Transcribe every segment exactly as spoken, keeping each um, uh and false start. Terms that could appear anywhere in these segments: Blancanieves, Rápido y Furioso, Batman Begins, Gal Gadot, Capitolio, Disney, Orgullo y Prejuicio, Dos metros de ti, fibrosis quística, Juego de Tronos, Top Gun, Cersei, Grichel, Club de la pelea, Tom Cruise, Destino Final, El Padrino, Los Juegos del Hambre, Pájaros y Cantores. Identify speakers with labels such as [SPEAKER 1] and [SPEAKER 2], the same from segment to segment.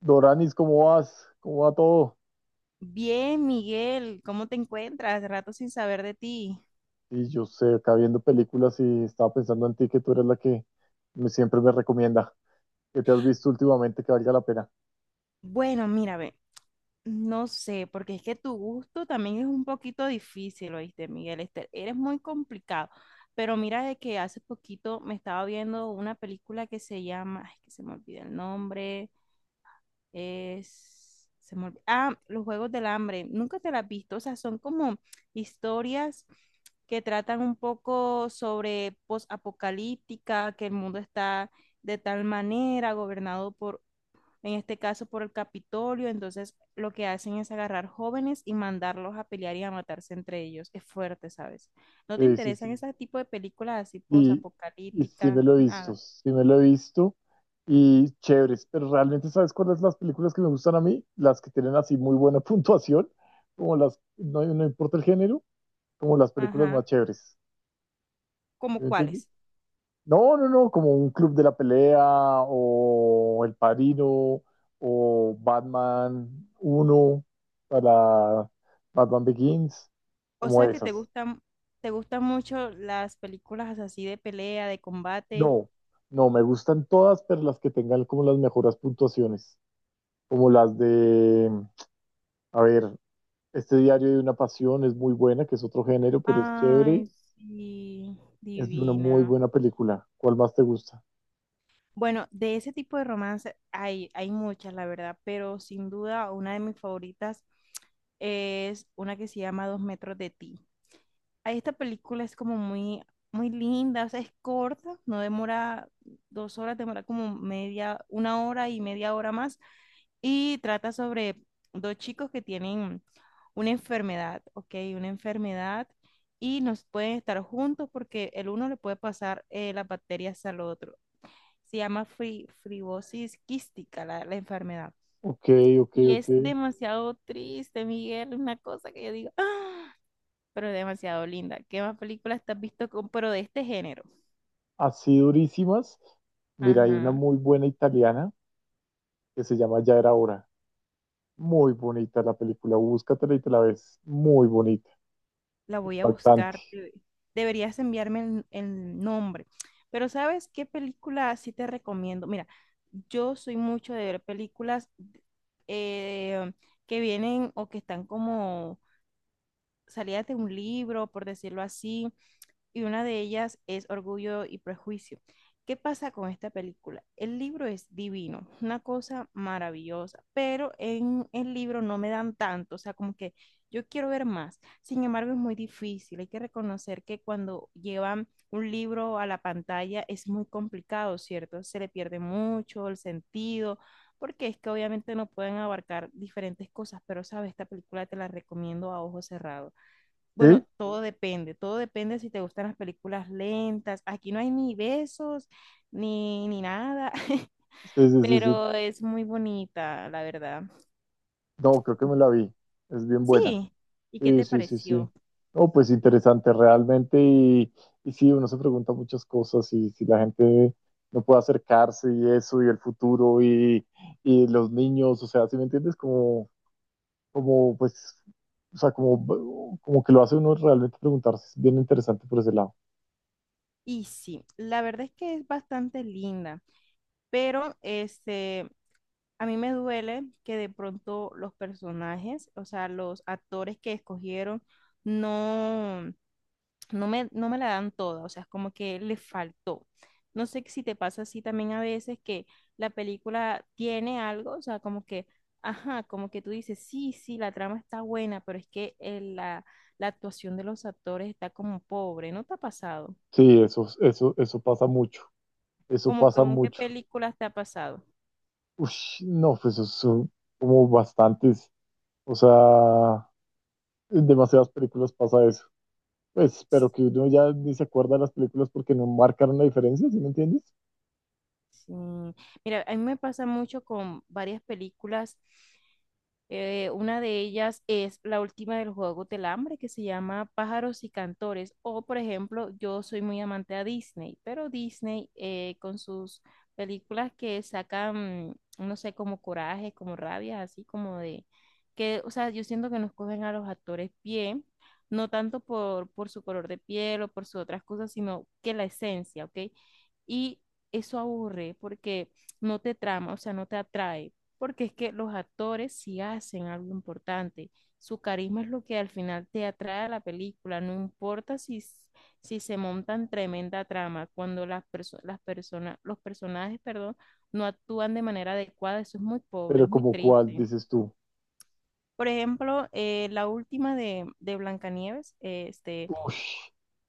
[SPEAKER 1] Doranis, ¿cómo vas? ¿Cómo va todo?
[SPEAKER 2] Bien, Miguel, ¿cómo te encuentras? Rato sin saber de ti.
[SPEAKER 1] Y yo sé, acá viendo películas y estaba pensando en ti, que tú eres la que me- siempre me recomienda. ¿Qué te has visto últimamente que valga la pena?
[SPEAKER 2] Bueno, mira, ve, no sé, porque es que tu gusto también es un poquito difícil, ¿oíste, Miguel? Este, eres muy complicado. Pero mira de que hace poquito me estaba viendo una película que se llama, ay, que se me olvida el nombre. Es. Se me olvi- Ah, los Juegos del Hambre. Nunca te las has visto. O sea, son como historias que tratan un poco sobre posapocalíptica, que el mundo está de tal manera gobernado por, en este caso, por el Capitolio. Entonces, lo que hacen es agarrar jóvenes y mandarlos a pelear y a matarse entre ellos. Es fuerte, ¿sabes? ¿No te
[SPEAKER 1] Eh, sí,
[SPEAKER 2] interesan
[SPEAKER 1] sí.
[SPEAKER 2] ese tipo de películas así
[SPEAKER 1] Y, y sí
[SPEAKER 2] posapocalíptica?
[SPEAKER 1] me lo he visto,
[SPEAKER 2] Nada.
[SPEAKER 1] sí me lo he visto. Y chéveres, pero realmente, ¿sabes cuáles las películas que me gustan a mí? Las que tienen así muy buena puntuación, como las, no, no importa el género, como las películas
[SPEAKER 2] Ajá.
[SPEAKER 1] más chéveres.
[SPEAKER 2] ¿Como cuáles?
[SPEAKER 1] No, no, no, como Un Club de la Pelea o El Padrino o Batman uno, para Batman Begins,
[SPEAKER 2] O
[SPEAKER 1] como
[SPEAKER 2] sea que te
[SPEAKER 1] esas.
[SPEAKER 2] gustan, te gustan mucho las películas así de pelea, de combate.
[SPEAKER 1] No, no, me gustan todas, pero las que tengan como las mejores puntuaciones, como las de, a ver, este Diario de una Pasión es muy buena, que es otro género, pero es chévere,
[SPEAKER 2] Ay, sí,
[SPEAKER 1] es una muy
[SPEAKER 2] divina.
[SPEAKER 1] buena película. ¿Cuál más te gusta?
[SPEAKER 2] Bueno, de ese tipo de romance hay, hay muchas, la verdad, pero sin duda una de mis favoritas es una que se llama Dos metros de ti. Ahí esta película es como muy, muy linda, o sea, es corta, no demora dos horas, demora como media, una hora y media hora más y trata sobre dos chicos que tienen una enfermedad, ¿ok? Una enfermedad y nos pueden estar juntos porque el uno le puede pasar eh, las bacterias al otro. Se llama fri- fibrosis quística la, la enfermedad.
[SPEAKER 1] Ok, ok,
[SPEAKER 2] Y
[SPEAKER 1] ok.
[SPEAKER 2] es demasiado triste, Miguel, una cosa que yo digo, ¡ah!, pero demasiado linda. ¿Qué más películas te has visto con, pero de este género?
[SPEAKER 1] Así durísimas. Mira, hay una
[SPEAKER 2] Ajá.
[SPEAKER 1] muy buena italiana que se llama Ya Era Hora. Muy bonita la película, búscatela y te la ves. Muy bonita,
[SPEAKER 2] La voy a
[SPEAKER 1] impactante.
[SPEAKER 2] buscar. debe- Deberías enviarme el, el nombre. Pero ¿sabes qué película sí te recomiendo? Mira, yo soy mucho de ver películas eh, que vienen o que están como salidas de un libro, por decirlo así, y una de ellas es Orgullo y Prejuicio. ¿Qué pasa con esta película? El libro es divino, una cosa maravillosa, pero en el libro no me dan tanto, o sea, como que yo quiero ver más. Sin embargo, es muy difícil, hay que reconocer que cuando llevan un libro a la pantalla es muy complicado, ¿cierto? Se le pierde mucho el sentido, porque es que obviamente no pueden abarcar diferentes cosas, pero sabes, esta película te la recomiendo a ojos cerrados.
[SPEAKER 1] ¿Sí?
[SPEAKER 2] Bueno, todo depende, todo depende si te gustan las películas lentas. Aquí no hay ni besos, ni, ni nada,
[SPEAKER 1] Sí, sí, sí, sí.
[SPEAKER 2] pero es muy bonita, la verdad.
[SPEAKER 1] No, creo que me la vi. Es bien buena.
[SPEAKER 2] Sí, ¿y qué
[SPEAKER 1] Sí,
[SPEAKER 2] te
[SPEAKER 1] sí, sí, sí.
[SPEAKER 2] pareció?
[SPEAKER 1] No, pues interesante realmente. Y, y sí, uno se pregunta muchas cosas y si la gente no puede acercarse y eso y el futuro y, y los niños, o sea, ¿si me entiendes? Como, como pues, o sea, como, como que lo hace uno realmente preguntarse. Es bien interesante por ese lado.
[SPEAKER 2] Y sí, la verdad es que es bastante linda, pero este, a mí me duele que de pronto los personajes, o sea, los actores que escogieron, no, no me, no me la dan toda, o sea, es como que le faltó. No sé si te pasa así también a veces que la película tiene algo, o sea, como que, ajá, como que tú dices, sí, sí, la trama está buena, pero es que eh, la, la actuación de los actores está como pobre, ¿no te ha pasado?
[SPEAKER 1] Sí, eso, eso, eso pasa mucho. Eso
[SPEAKER 2] Como que,
[SPEAKER 1] pasa
[SPEAKER 2] ¿con qué
[SPEAKER 1] mucho.
[SPEAKER 2] películas te ha pasado?
[SPEAKER 1] Ush, no, pues eso son como bastantes. O sea, en demasiadas películas pasa eso. Pues, pero que uno ya ni se acuerda de las películas porque no marcaron la diferencia, ¿sí me entiendes?
[SPEAKER 2] Sí. Mira, a mí me pasa mucho con varias películas. Eh, una de ellas es la última del juego del hambre, que se llama Pájaros y Cantores. O, por ejemplo, yo soy muy amante a Disney, pero Disney eh, con sus películas que sacan, mm, no sé, como coraje, como rabia, así como de que, o sea, yo siento que nos cogen a los actores bien, no tanto por, por su color de piel o por sus otras cosas, sino que la esencia, ¿ok? Y eso aburre porque no te trama, o sea, no te atrae, porque es que los actores sí hacen algo importante. Su carisma es lo que al final te atrae a la película, no importa si, s- si se montan tremenda trama, cuando las, perso- las personas, los personajes, perdón, no actúan de manera adecuada, eso es muy pobre,
[SPEAKER 1] Pero
[SPEAKER 2] es muy
[SPEAKER 1] como cuál,
[SPEAKER 2] triste.
[SPEAKER 1] dices tú.
[SPEAKER 2] Por ejemplo, eh, la última de, de Blancanieves, eh, este,
[SPEAKER 1] Ush,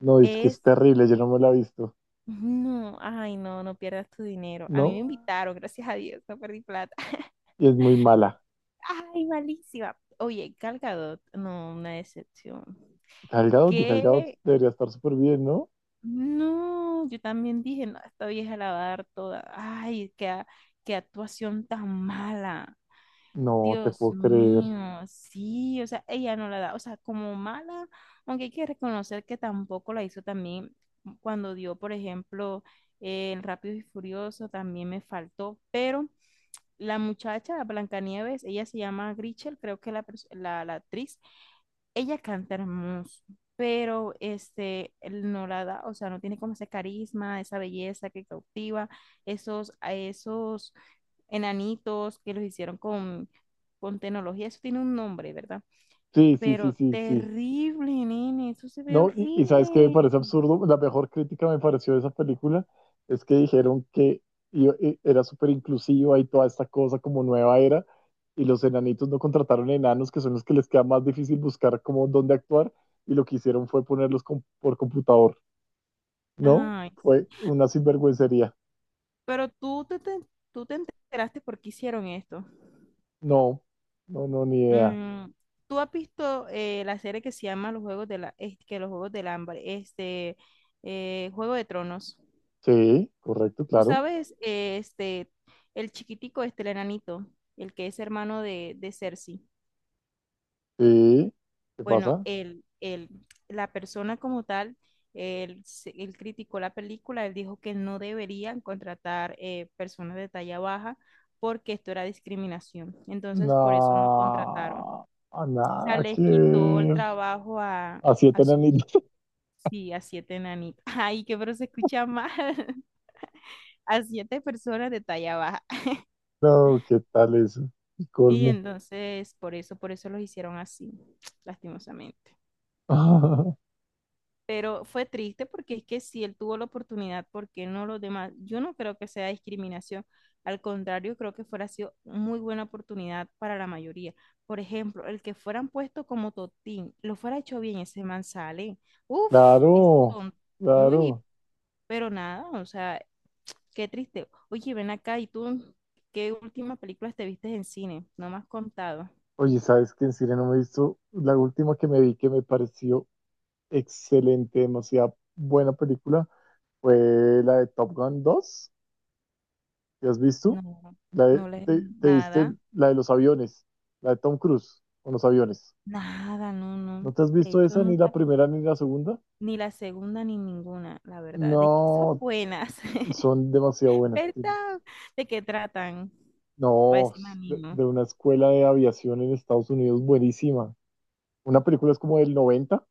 [SPEAKER 1] no, es que es
[SPEAKER 2] es
[SPEAKER 1] terrible, yo no me la he visto.
[SPEAKER 2] no, ay, no, no pierdas tu dinero. A mí me
[SPEAKER 1] No,
[SPEAKER 2] invitaron, gracias a Dios, no perdí plata.
[SPEAKER 1] y es muy mala.
[SPEAKER 2] Ay, malísima. Oye, Gal Gadot, no, una decepción.
[SPEAKER 1] Gal Gadot, y Gal Gadot
[SPEAKER 2] ¿Qué?
[SPEAKER 1] debería estar súper bien, ¿no?
[SPEAKER 2] No, yo también dije, no, esta vieja la va a dar toda. Ay, qué, a- qué actuación tan mala.
[SPEAKER 1] No te
[SPEAKER 2] Dios
[SPEAKER 1] puedo creer.
[SPEAKER 2] mío, sí, o sea, ella no la da, o sea, como mala, aunque hay que reconocer que tampoco la hizo también cuando dio, por ejemplo, eh, el Rápido y Furioso, también me faltó, pero la muchacha, Blancanieves, ella se llama Grichel, creo que la, pers- la, la actriz, ella canta hermoso, pero este, él no la da, o sea, no tiene como ese carisma, esa belleza que cautiva, esos, a esos enanitos que los hicieron con, con tecnología, eso tiene un nombre, ¿verdad?
[SPEAKER 1] Sí, sí, sí,
[SPEAKER 2] Pero
[SPEAKER 1] sí, sí.
[SPEAKER 2] terrible, nene, eso se ve
[SPEAKER 1] No, y, y sabes qué me
[SPEAKER 2] horrible.
[SPEAKER 1] parece absurdo, la mejor crítica me pareció de esa película es que dijeron que i- i- era súper inclusiva y toda esta cosa como nueva era, y los enanitos no contrataron enanos, que son los que les queda más difícil buscar como dónde actuar, y lo que hicieron fue ponerlos com- por computador, ¿no?
[SPEAKER 2] Ay, sí.
[SPEAKER 1] Fue una sinvergüencería.
[SPEAKER 2] Pero tú te, te- tú te enteraste por qué hicieron esto.
[SPEAKER 1] No, no, no, ni idea.
[SPEAKER 2] Mm, ¿tú has visto eh, la serie que se llama Los Juegos de la, es- que los Juegos del Hambre, este, eh, Juego de Tronos?
[SPEAKER 1] Sí, correcto,
[SPEAKER 2] ¿Tú
[SPEAKER 1] claro.
[SPEAKER 2] sabes, eh, este, el chiquitico, este, el enanito, el que es hermano de, de Cersei?
[SPEAKER 1] Sí, ¿qué
[SPEAKER 2] Bueno,
[SPEAKER 1] pasa?
[SPEAKER 2] el el la persona como tal, el se- él criticó la película, él dijo que no deberían contratar eh, personas de talla baja porque esto era discriminación. Entonces, por eso no contrataron.
[SPEAKER 1] No,
[SPEAKER 2] O sea,
[SPEAKER 1] nada
[SPEAKER 2] les
[SPEAKER 1] que
[SPEAKER 2] quitó el
[SPEAKER 1] ver.
[SPEAKER 2] trabajo a,
[SPEAKER 1] A siete
[SPEAKER 2] a sus,
[SPEAKER 1] enanitos.
[SPEAKER 2] sí, a siete enanitos. Ay, qué, pero se escucha mal. A siete personas de talla baja.
[SPEAKER 1] No, ¿qué tal eso? El
[SPEAKER 2] Y
[SPEAKER 1] colmo.
[SPEAKER 2] entonces, por eso, por eso los hicieron así, lastimosamente. Pero fue triste porque es que si él tuvo la oportunidad, ¿por qué no los demás? Yo no creo que sea discriminación. Al contrario, creo que fuera sido muy buena oportunidad para la mayoría. Por ejemplo, el que fueran puesto como Totín, lo fuera hecho bien, ese man sale. Uf, es
[SPEAKER 1] Claro,
[SPEAKER 2] ton- muy
[SPEAKER 1] claro.
[SPEAKER 2] Pero nada, o sea, qué triste. Oye, ven acá, ¿y tú qué últimas películas te viste en cine? No me has contado.
[SPEAKER 1] Oye, ¿sabes qué? En serio no me he visto. La última que me vi que me pareció excelente, demasiado buena película, fue la de Top Gun dos. ¿Te has visto?
[SPEAKER 2] No,
[SPEAKER 1] La de-
[SPEAKER 2] no le,
[SPEAKER 1] te, te viste
[SPEAKER 2] nada,
[SPEAKER 1] la de los aviones, la de Tom Cruise con los aviones.
[SPEAKER 2] nada, no,
[SPEAKER 1] ¿No
[SPEAKER 2] no.
[SPEAKER 1] te has
[SPEAKER 2] De
[SPEAKER 1] visto
[SPEAKER 2] hecho,
[SPEAKER 1] esa, ni la
[SPEAKER 2] nunca,
[SPEAKER 1] primera ni la segunda?
[SPEAKER 2] ni la segunda ni ninguna, la verdad. De que son
[SPEAKER 1] No,
[SPEAKER 2] buenas,
[SPEAKER 1] son demasiado buenas.
[SPEAKER 2] ¿verdad? ¿De qué tratan? Para
[SPEAKER 1] No,
[SPEAKER 2] decirme a mí,
[SPEAKER 1] de,
[SPEAKER 2] ¿no?
[SPEAKER 1] de una escuela de aviación en Estados Unidos buenísima. Una película es como del noventa,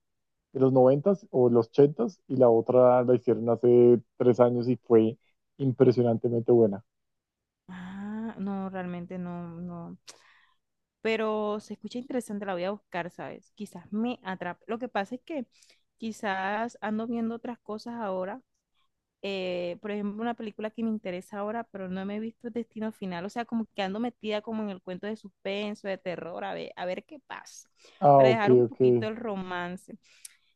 [SPEAKER 1] de los noventa o los ochenta, y la otra la hicieron hace tres años y fue impresionantemente buena.
[SPEAKER 2] Ah, no, realmente no, no. Pero se escucha interesante, la voy a buscar, ¿sabes? Quizás me atrape. Lo que pasa es que quizás ando viendo otras cosas ahora. Eh, por ejemplo, una película que me interesa ahora, pero no me he visto el Destino Final. O sea, como que ando metida como en el cuento de suspenso, de terror, a ver, a ver qué pasa.
[SPEAKER 1] Ah,
[SPEAKER 2] Para
[SPEAKER 1] ok,
[SPEAKER 2] dejar un
[SPEAKER 1] ok.
[SPEAKER 2] poquito el romance.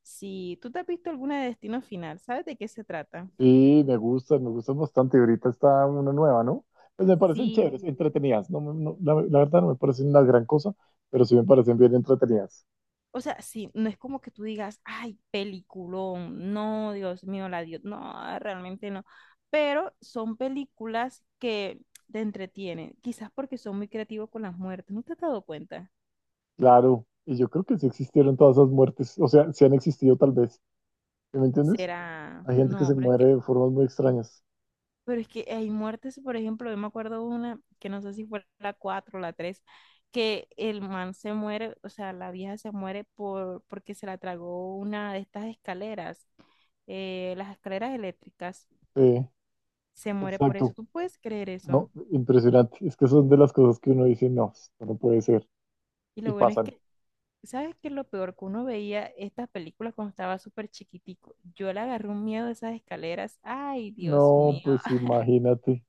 [SPEAKER 2] Si tú te has visto alguna de Destino Final, ¿sabes de qué se trata?
[SPEAKER 1] Sí, me gustan, me gustan bastante. Ahorita está una nueva, ¿no? Pues me parecen
[SPEAKER 2] Sí.
[SPEAKER 1] chéveres, entretenidas. No, me- no- la, la verdad no me parecen una gran cosa, pero sí me parecen bien entretenidas.
[SPEAKER 2] O sea, sí, no es como que tú digas, ay, peliculón, no, Dios mío, la Dios, no, realmente no. Pero son películas que te entretienen, quizás porque son muy creativos con las muertes, ¿no te has dado cuenta?
[SPEAKER 1] Claro, y yo creo que sí existieron todas esas muertes, o sea, sí han existido tal vez. ¿Sí? ¿Me entiendes?
[SPEAKER 2] Será,
[SPEAKER 1] Hay gente que
[SPEAKER 2] no,
[SPEAKER 1] se
[SPEAKER 2] pero es
[SPEAKER 1] muere
[SPEAKER 2] que,
[SPEAKER 1] de formas muy extrañas.
[SPEAKER 2] pero es que hay muertes, por ejemplo, yo me acuerdo una, que no sé si fue la cuatro o la tres, que el man se muere, o sea, la vieja se muere por, porque se la tragó una de estas escaleras, eh, las escaleras eléctricas.
[SPEAKER 1] Sí,
[SPEAKER 2] Se muere por eso.
[SPEAKER 1] exacto.
[SPEAKER 2] ¿Tú puedes creer eso?
[SPEAKER 1] No, impresionante. Es que son de las cosas que uno dice, no, esto no puede ser.
[SPEAKER 2] Y
[SPEAKER 1] Y
[SPEAKER 2] lo bueno es
[SPEAKER 1] pasan.
[SPEAKER 2] que, ¿sabes qué es lo peor? Que uno veía estas películas cuando estaba súper chiquitico. Yo le agarré un miedo a esas escaleras. Ay, Dios
[SPEAKER 1] No,
[SPEAKER 2] mío.
[SPEAKER 1] pues imagínate.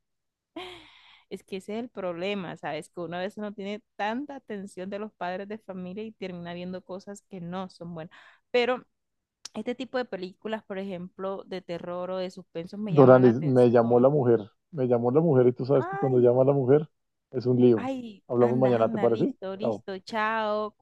[SPEAKER 2] Es que ese es el problema, ¿sabes? Que uno a veces no tiene tanta atención de los padres de familia y termina viendo cosas que no son buenas. Pero este tipo de películas, por ejemplo, de terror o de suspenso, me llaman la
[SPEAKER 1] Doranis, me llamó la
[SPEAKER 2] atención.
[SPEAKER 1] mujer. Me llamó la mujer y tú sabes que cuando
[SPEAKER 2] Ay,
[SPEAKER 1] llama a la mujer es un lío.
[SPEAKER 2] ay,
[SPEAKER 1] Hablamos
[SPEAKER 2] anda,
[SPEAKER 1] mañana, ¿te
[SPEAKER 2] anda,
[SPEAKER 1] parece?
[SPEAKER 2] listo,
[SPEAKER 1] Chao.
[SPEAKER 2] listo, chao.